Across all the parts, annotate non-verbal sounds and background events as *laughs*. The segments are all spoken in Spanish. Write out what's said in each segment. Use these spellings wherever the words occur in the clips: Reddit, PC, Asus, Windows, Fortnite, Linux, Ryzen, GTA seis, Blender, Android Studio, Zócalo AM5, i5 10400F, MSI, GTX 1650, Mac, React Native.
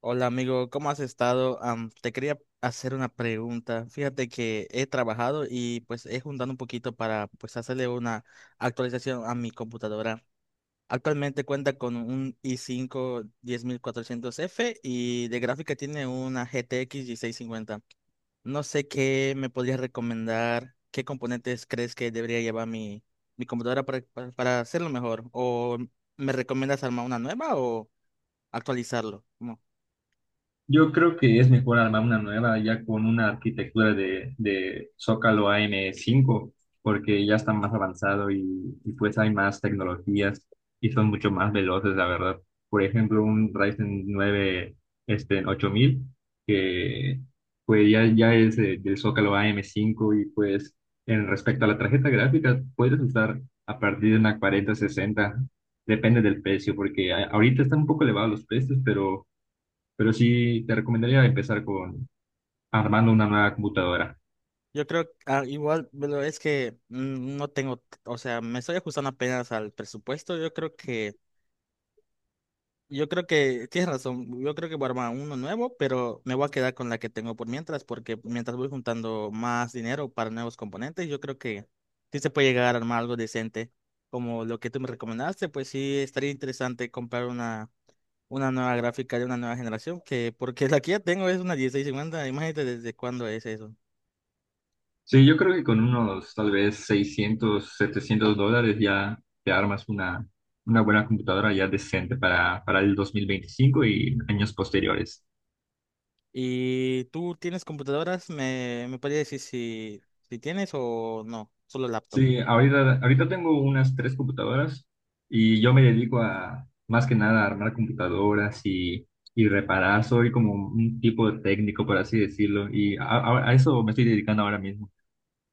Hola amigo, ¿cómo has estado? Te quería hacer una pregunta. Fíjate que he trabajado y pues he juntado un poquito para pues hacerle una actualización a mi computadora. Actualmente cuenta con un i5 10400F y de gráfica tiene una GTX 1650. No sé qué me podrías recomendar, qué componentes crees que debería llevar mi computadora para hacerlo mejor. ¿O me recomiendas armar una nueva o actualizarlo? Yo creo que es mejor armar una nueva ya con una arquitectura de Zócalo AM5 porque ya está más avanzado y pues hay más tecnologías y son mucho más veloces, la verdad. Por ejemplo, un Ryzen 9 8000 que pues ya es del Zócalo AM5 y pues en respecto a la tarjeta gráfica, puedes usar a partir de una 4060 depende del precio, porque ahorita están un poco elevados los precios, Pero sí, te recomendaría empezar con armando una nueva computadora. Yo creo, ah, igual, pero es que no tengo, o sea, me estoy ajustando apenas al presupuesto. Yo creo que tienes razón. Yo creo que voy a armar uno nuevo, pero me voy a quedar con la que tengo por mientras, porque mientras voy juntando más dinero para nuevos componentes, yo creo que sí se puede llegar a armar algo decente. Como lo que tú me recomendaste, pues sí estaría interesante comprar una nueva gráfica de una nueva generación, que porque la que ya tengo es una 1650. Imagínate desde cuándo es eso. Sí, yo creo que con unos tal vez 600, $700 ya te armas una buena computadora ya decente para el 2025 y años posteriores. ¿Y tú tienes computadoras? ¿Me podrías decir si si tienes o no? Solo laptop. Sí, ahorita tengo unas tres computadoras y yo me dedico a más que nada a armar computadoras y reparar. Soy como un tipo de técnico, por así decirlo, y a eso me estoy dedicando ahora mismo.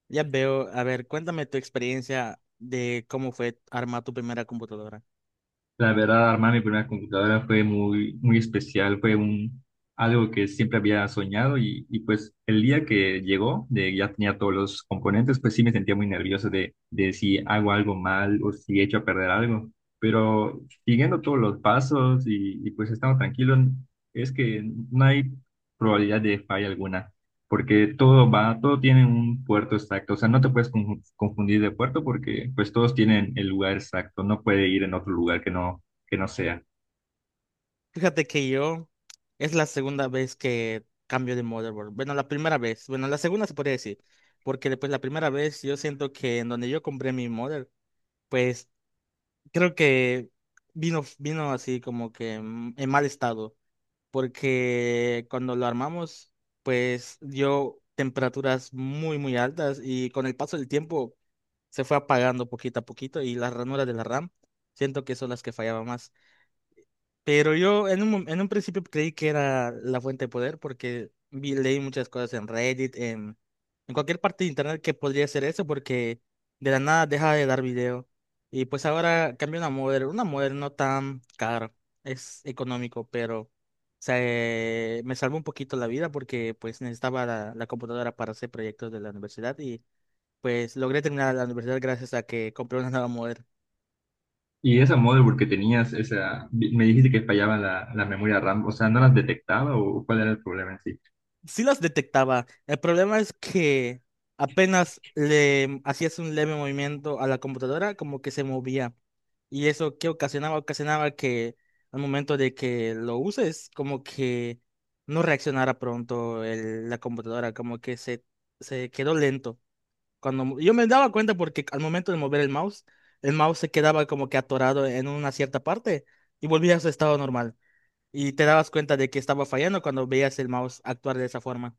Ya veo. A ver, cuéntame tu experiencia de cómo fue armar tu primera computadora. La verdad, armar mi primera computadora fue muy, muy especial, algo que siempre había soñado y pues el día que llegó, de ya tenía todos los componentes, pues sí me sentía muy nervioso de si hago algo mal o si echo a perder algo, pero siguiendo todos los pasos y pues estando tranquilo, es que no hay probabilidad de falla alguna porque todo va, todo tiene un puerto exacto, o sea, no te puedes confundir de puerto porque pues todos tienen el lugar exacto, no puede ir en otro lugar que no sea. Fíjate que yo, es la segunda vez que cambio de motherboard. Bueno, la primera vez. Bueno, la segunda, se podría decir. Porque después la primera vez yo siento que en donde yo compré mi mother, pues creo que vino así como que en mal estado. Porque cuando lo armamos, pues dio temperaturas muy, muy altas, y con el paso del tiempo se fue apagando poquito a poquito, y las ranuras de la RAM, siento que son las que fallaban más. Pero yo en en un principio creí que era la fuente de poder porque vi, leí muchas cosas en Reddit, en cualquier parte de internet, que podría ser eso porque de la nada deja de dar video. Y pues ahora cambia una modder no tan cara, es económico, pero me salvó un poquito la vida porque pues necesitaba la computadora para hacer proyectos de la universidad, y pues logré terminar la universidad gracias a que compré una nueva modder. Y esa motherboard que tenías, esa, me dijiste que fallaba la memoria RAM, o sea, ¿no las detectaba o cuál era el problema en sí? Sí las detectaba. El problema es que apenas le hacías un leve movimiento a la computadora, como que se movía. Y eso que ocasionaba, ocasionaba que al momento de que lo uses, como que no reaccionara pronto la computadora, como que se quedó lento. Cuando yo me daba cuenta porque al momento de mover el mouse se quedaba como que atorado en una cierta parte, y volvía a su estado normal. Y te dabas cuenta de que estaba fallando cuando veías el mouse actuar de esa forma.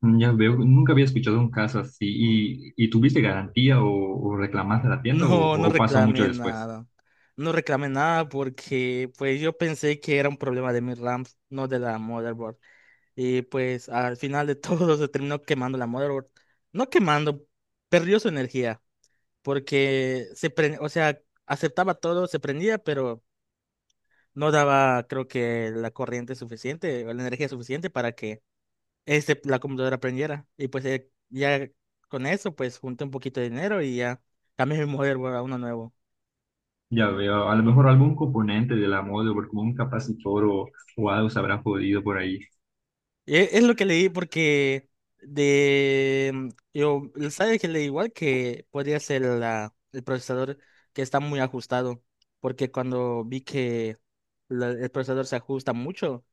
Mm, ya veo, nunca había escuchado un caso así y ¿tuviste garantía o reclamaste a la tienda o, No, no o pasó mucho reclamé después? nada. No reclamé nada porque pues yo pensé que era un problema de mi RAM, no de la motherboard. Y pues al final de todo *laughs* se terminó quemando la motherboard. No quemando, perdió su energía porque o sea, aceptaba todo, se prendía, pero no daba, creo que, la corriente suficiente o la energía suficiente para que la computadora prendiera. Y pues ya con eso pues junté un poquito de dinero y ya cambié mi motherboard a uno nuevo. Ya veo, a lo mejor algún componente de la motherboard como un capacitor o algo se habrá podido por ahí. Es lo que leí porque de yo sabes que leí igual que podría ser el procesador, que está muy ajustado porque cuando vi que el procesador se ajusta mucho,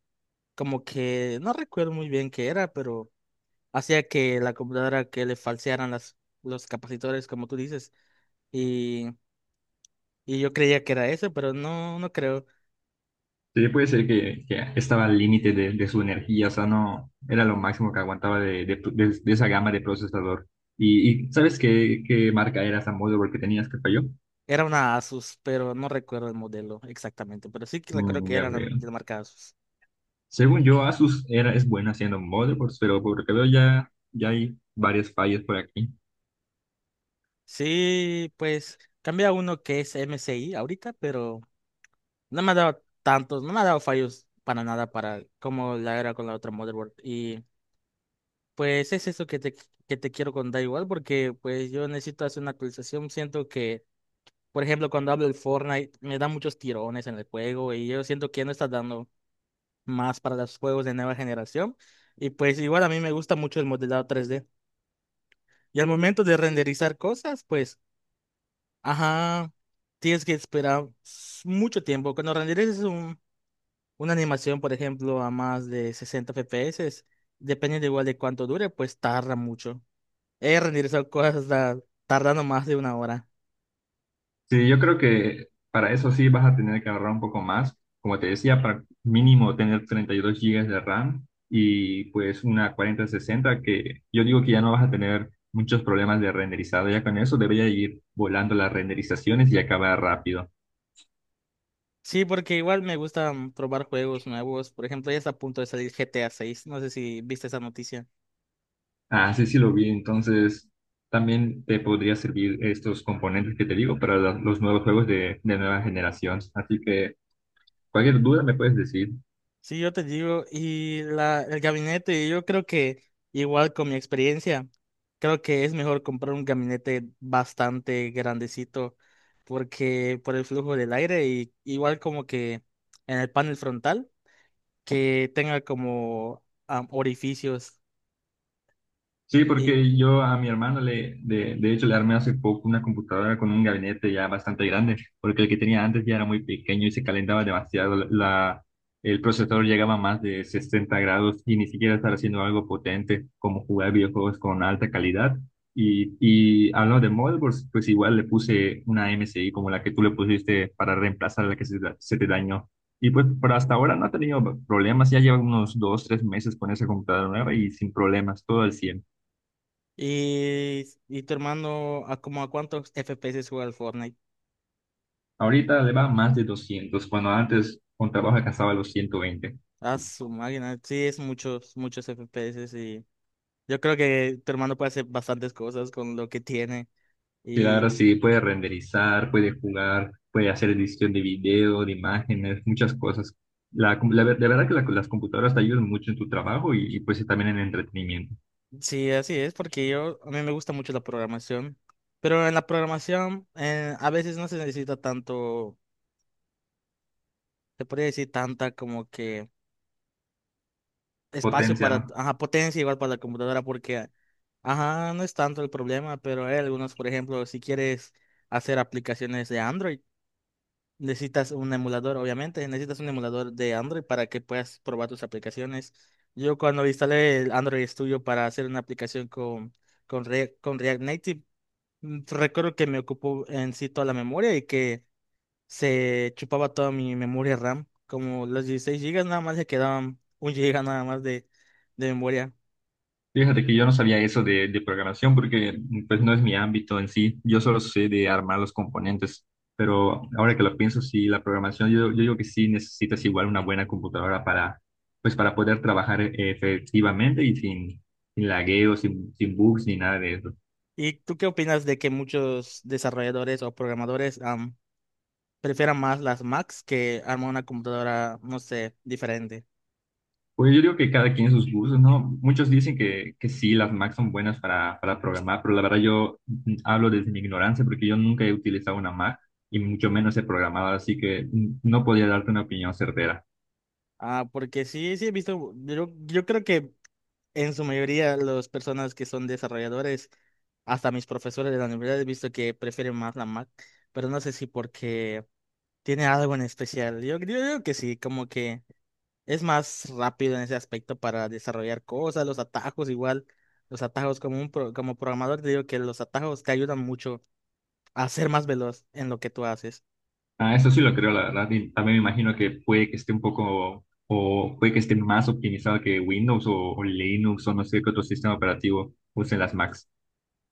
como que no recuerdo muy bien qué era, pero hacía que la computadora, que le falsearan las, los capacitores, como tú dices, y, y yo creía que era eso, pero no, no creo. Sí, puede ser que estaba al límite de su energía, o sea, no era lo máximo que aguantaba de esa gama de procesador. ¿Y sabes qué marca era esa motherboard que tenías que falló? Era una Asus, pero no recuerdo el modelo exactamente, pero sí que recuerdo Mm, que ya era veo. de la marca Asus. Según yo, Asus era, es buena haciendo motherboards, pero por lo que veo ya hay varias fallas por aquí. Sí, pues cambia uno que es MSI ahorita, pero no me ha dado tantos, no me ha dado fallos para nada, para como la era con la otra motherboard. Y pues es eso que que te quiero contar igual, porque pues yo necesito hacer una actualización. Siento que, por ejemplo, cuando hablo del Fortnite, me da muchos tirones en el juego, y yo siento que ya no está dando más para los juegos de nueva generación. Y pues igual a mí me gusta mucho el modelado 3D. Y al momento de renderizar cosas, pues, ajá, tienes que esperar mucho tiempo. Cuando renderices una animación, por ejemplo, a más de 60 FPS, depende de igual de cuánto dure, pues tarda mucho. He renderizado cosas hasta tardando más de una hora. Sí, yo creo que para eso sí vas a tener que ahorrar un poco más. Como te decía, para mínimo tener 32 gigas de RAM y pues una 4060 que yo digo que ya no vas a tener muchos problemas de renderizado. Ya con eso debería ir volando las renderizaciones y acabar rápido. Sí, porque igual me gusta probar juegos nuevos. Por ejemplo, ya está a punto de salir GTA 6. No sé si viste esa noticia. Ah, sí, sí lo vi. Entonces también te podría servir estos componentes que te digo para los nuevos juegos de nueva generación. Así que cualquier duda me puedes decir. Sí, yo te digo, y la, el gabinete, yo creo que igual con mi experiencia, creo que es mejor comprar un gabinete bastante grandecito porque por el flujo del aire, y igual como que en el panel frontal que tenga como orificios. Sí, y, porque yo a mi hermano de hecho, le armé hace poco una computadora con un gabinete ya bastante grande, porque el que tenía antes ya era muy pequeño y se calentaba demasiado. El procesador llegaba a más de 60 grados y ni siquiera estaba haciendo algo potente como jugar videojuegos con alta calidad. Y hablando de motherboards, pues igual le puse una MSI como la que tú le pusiste para reemplazar la que se te dañó. Y pues por hasta ahora no ha tenido problemas, ya lleva unos dos, tres meses con esa computadora nueva y sin problemas, todo al 100. y, y tu hermano, ¿a como a cuántos FPS juega el Fortnite? Ahorita le va más de 200 cuando antes con trabajo alcanzaba los 120. A su máquina, sí, es muchos, muchos FPS, y yo creo que tu hermano puede hacer bastantes cosas con lo que tiene. Y ahora Y sí puede renderizar, puede jugar, puede hacer edición de video, de imágenes, muchas cosas. La verdad que las computadoras te ayudan mucho en tu trabajo y pues sí, también en el entretenimiento. sí, así es, porque a mí me gusta mucho la programación, pero en la programación a veces no se necesita tanto, se podría decir tanta, como que espacio Potencia, para, ¿no? ajá, potencia, igual, para la computadora, porque, ajá, no es tanto el problema, pero hay algunos, por ejemplo, si quieres hacer aplicaciones de Android, necesitas un emulador, obviamente, necesitas un emulador de Android para que puedas probar tus aplicaciones. Yo cuando instalé el Android Studio para hacer una aplicación con React Native, recuerdo que me ocupó en sí toda la memoria, y que se chupaba toda mi memoria RAM. Como los 16 gigas, nada más le quedaban un giga, nada más de memoria. Fíjate que yo no sabía eso de programación porque pues no es mi ámbito en sí. Yo solo sé de armar los componentes. Pero ahora que lo pienso, sí, la programación, yo digo que sí necesitas igual una buena computadora para poder trabajar efectivamente y sin lagueos, sin bugs ni nada de eso. ¿Y tú qué opinas de que muchos desarrolladores o programadores prefieran más las Macs, que armar una computadora, no sé, diferente? Pues yo digo que cada quien sus gustos, ¿no? Muchos dicen que sí, las Mac son buenas para programar, pero la verdad yo hablo desde mi ignorancia porque yo nunca he utilizado una Mac y mucho menos he programado, así que no podría darte una opinión certera. Ah, porque sí, sí he visto, yo creo que en su mayoría las personas que son desarrolladores, hasta mis profesores de la universidad, he visto que prefieren más la Mac, pero no sé si porque tiene algo en especial. Yo creo que sí, como que es más rápido en ese aspecto para desarrollar cosas, los atajos igual, los atajos como programador te digo que los atajos te ayudan mucho a ser más veloz en lo que tú haces. Ah, eso sí lo creo, la verdad. Y también me imagino que puede que esté un poco, o puede que esté más optimizado que Windows o Linux o no sé qué otro sistema operativo usen las Macs.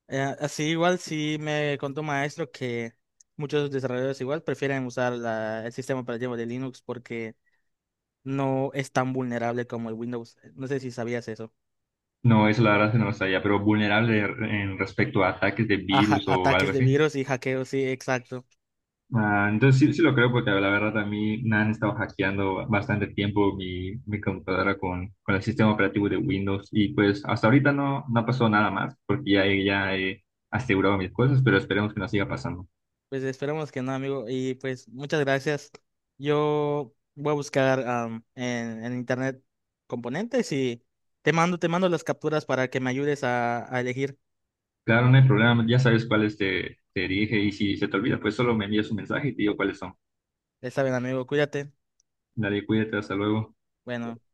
Así igual sí me contó un maestro que muchos desarrolladores igual prefieren usar el sistema operativo de Linux porque no es tan vulnerable como el Windows. No sé si sabías eso. No, eso la verdad que no lo sabía, pero vulnerable en respecto a ataques de Ajá, virus o ataques algo de así. virus y hackeos, sí, exacto. Ah, entonces sí, sí lo creo porque la verdad a mí me han estado hackeando bastante tiempo mi computadora con el sistema operativo de Windows y pues hasta ahorita no pasó nada más porque ya he asegurado mis cosas, pero esperemos que no siga pasando. Pues esperemos que no, amigo. Y pues muchas gracias. Yo voy a buscar en internet componentes, y te mando las capturas para que me ayudes a elegir. Claro, no hay problema, ya sabes cuáles te dije y si se te olvida, pues solo me envías un mensaje y te digo cuáles son. Está bien, amigo, cuídate. Dale, cuídate, hasta luego. Bueno.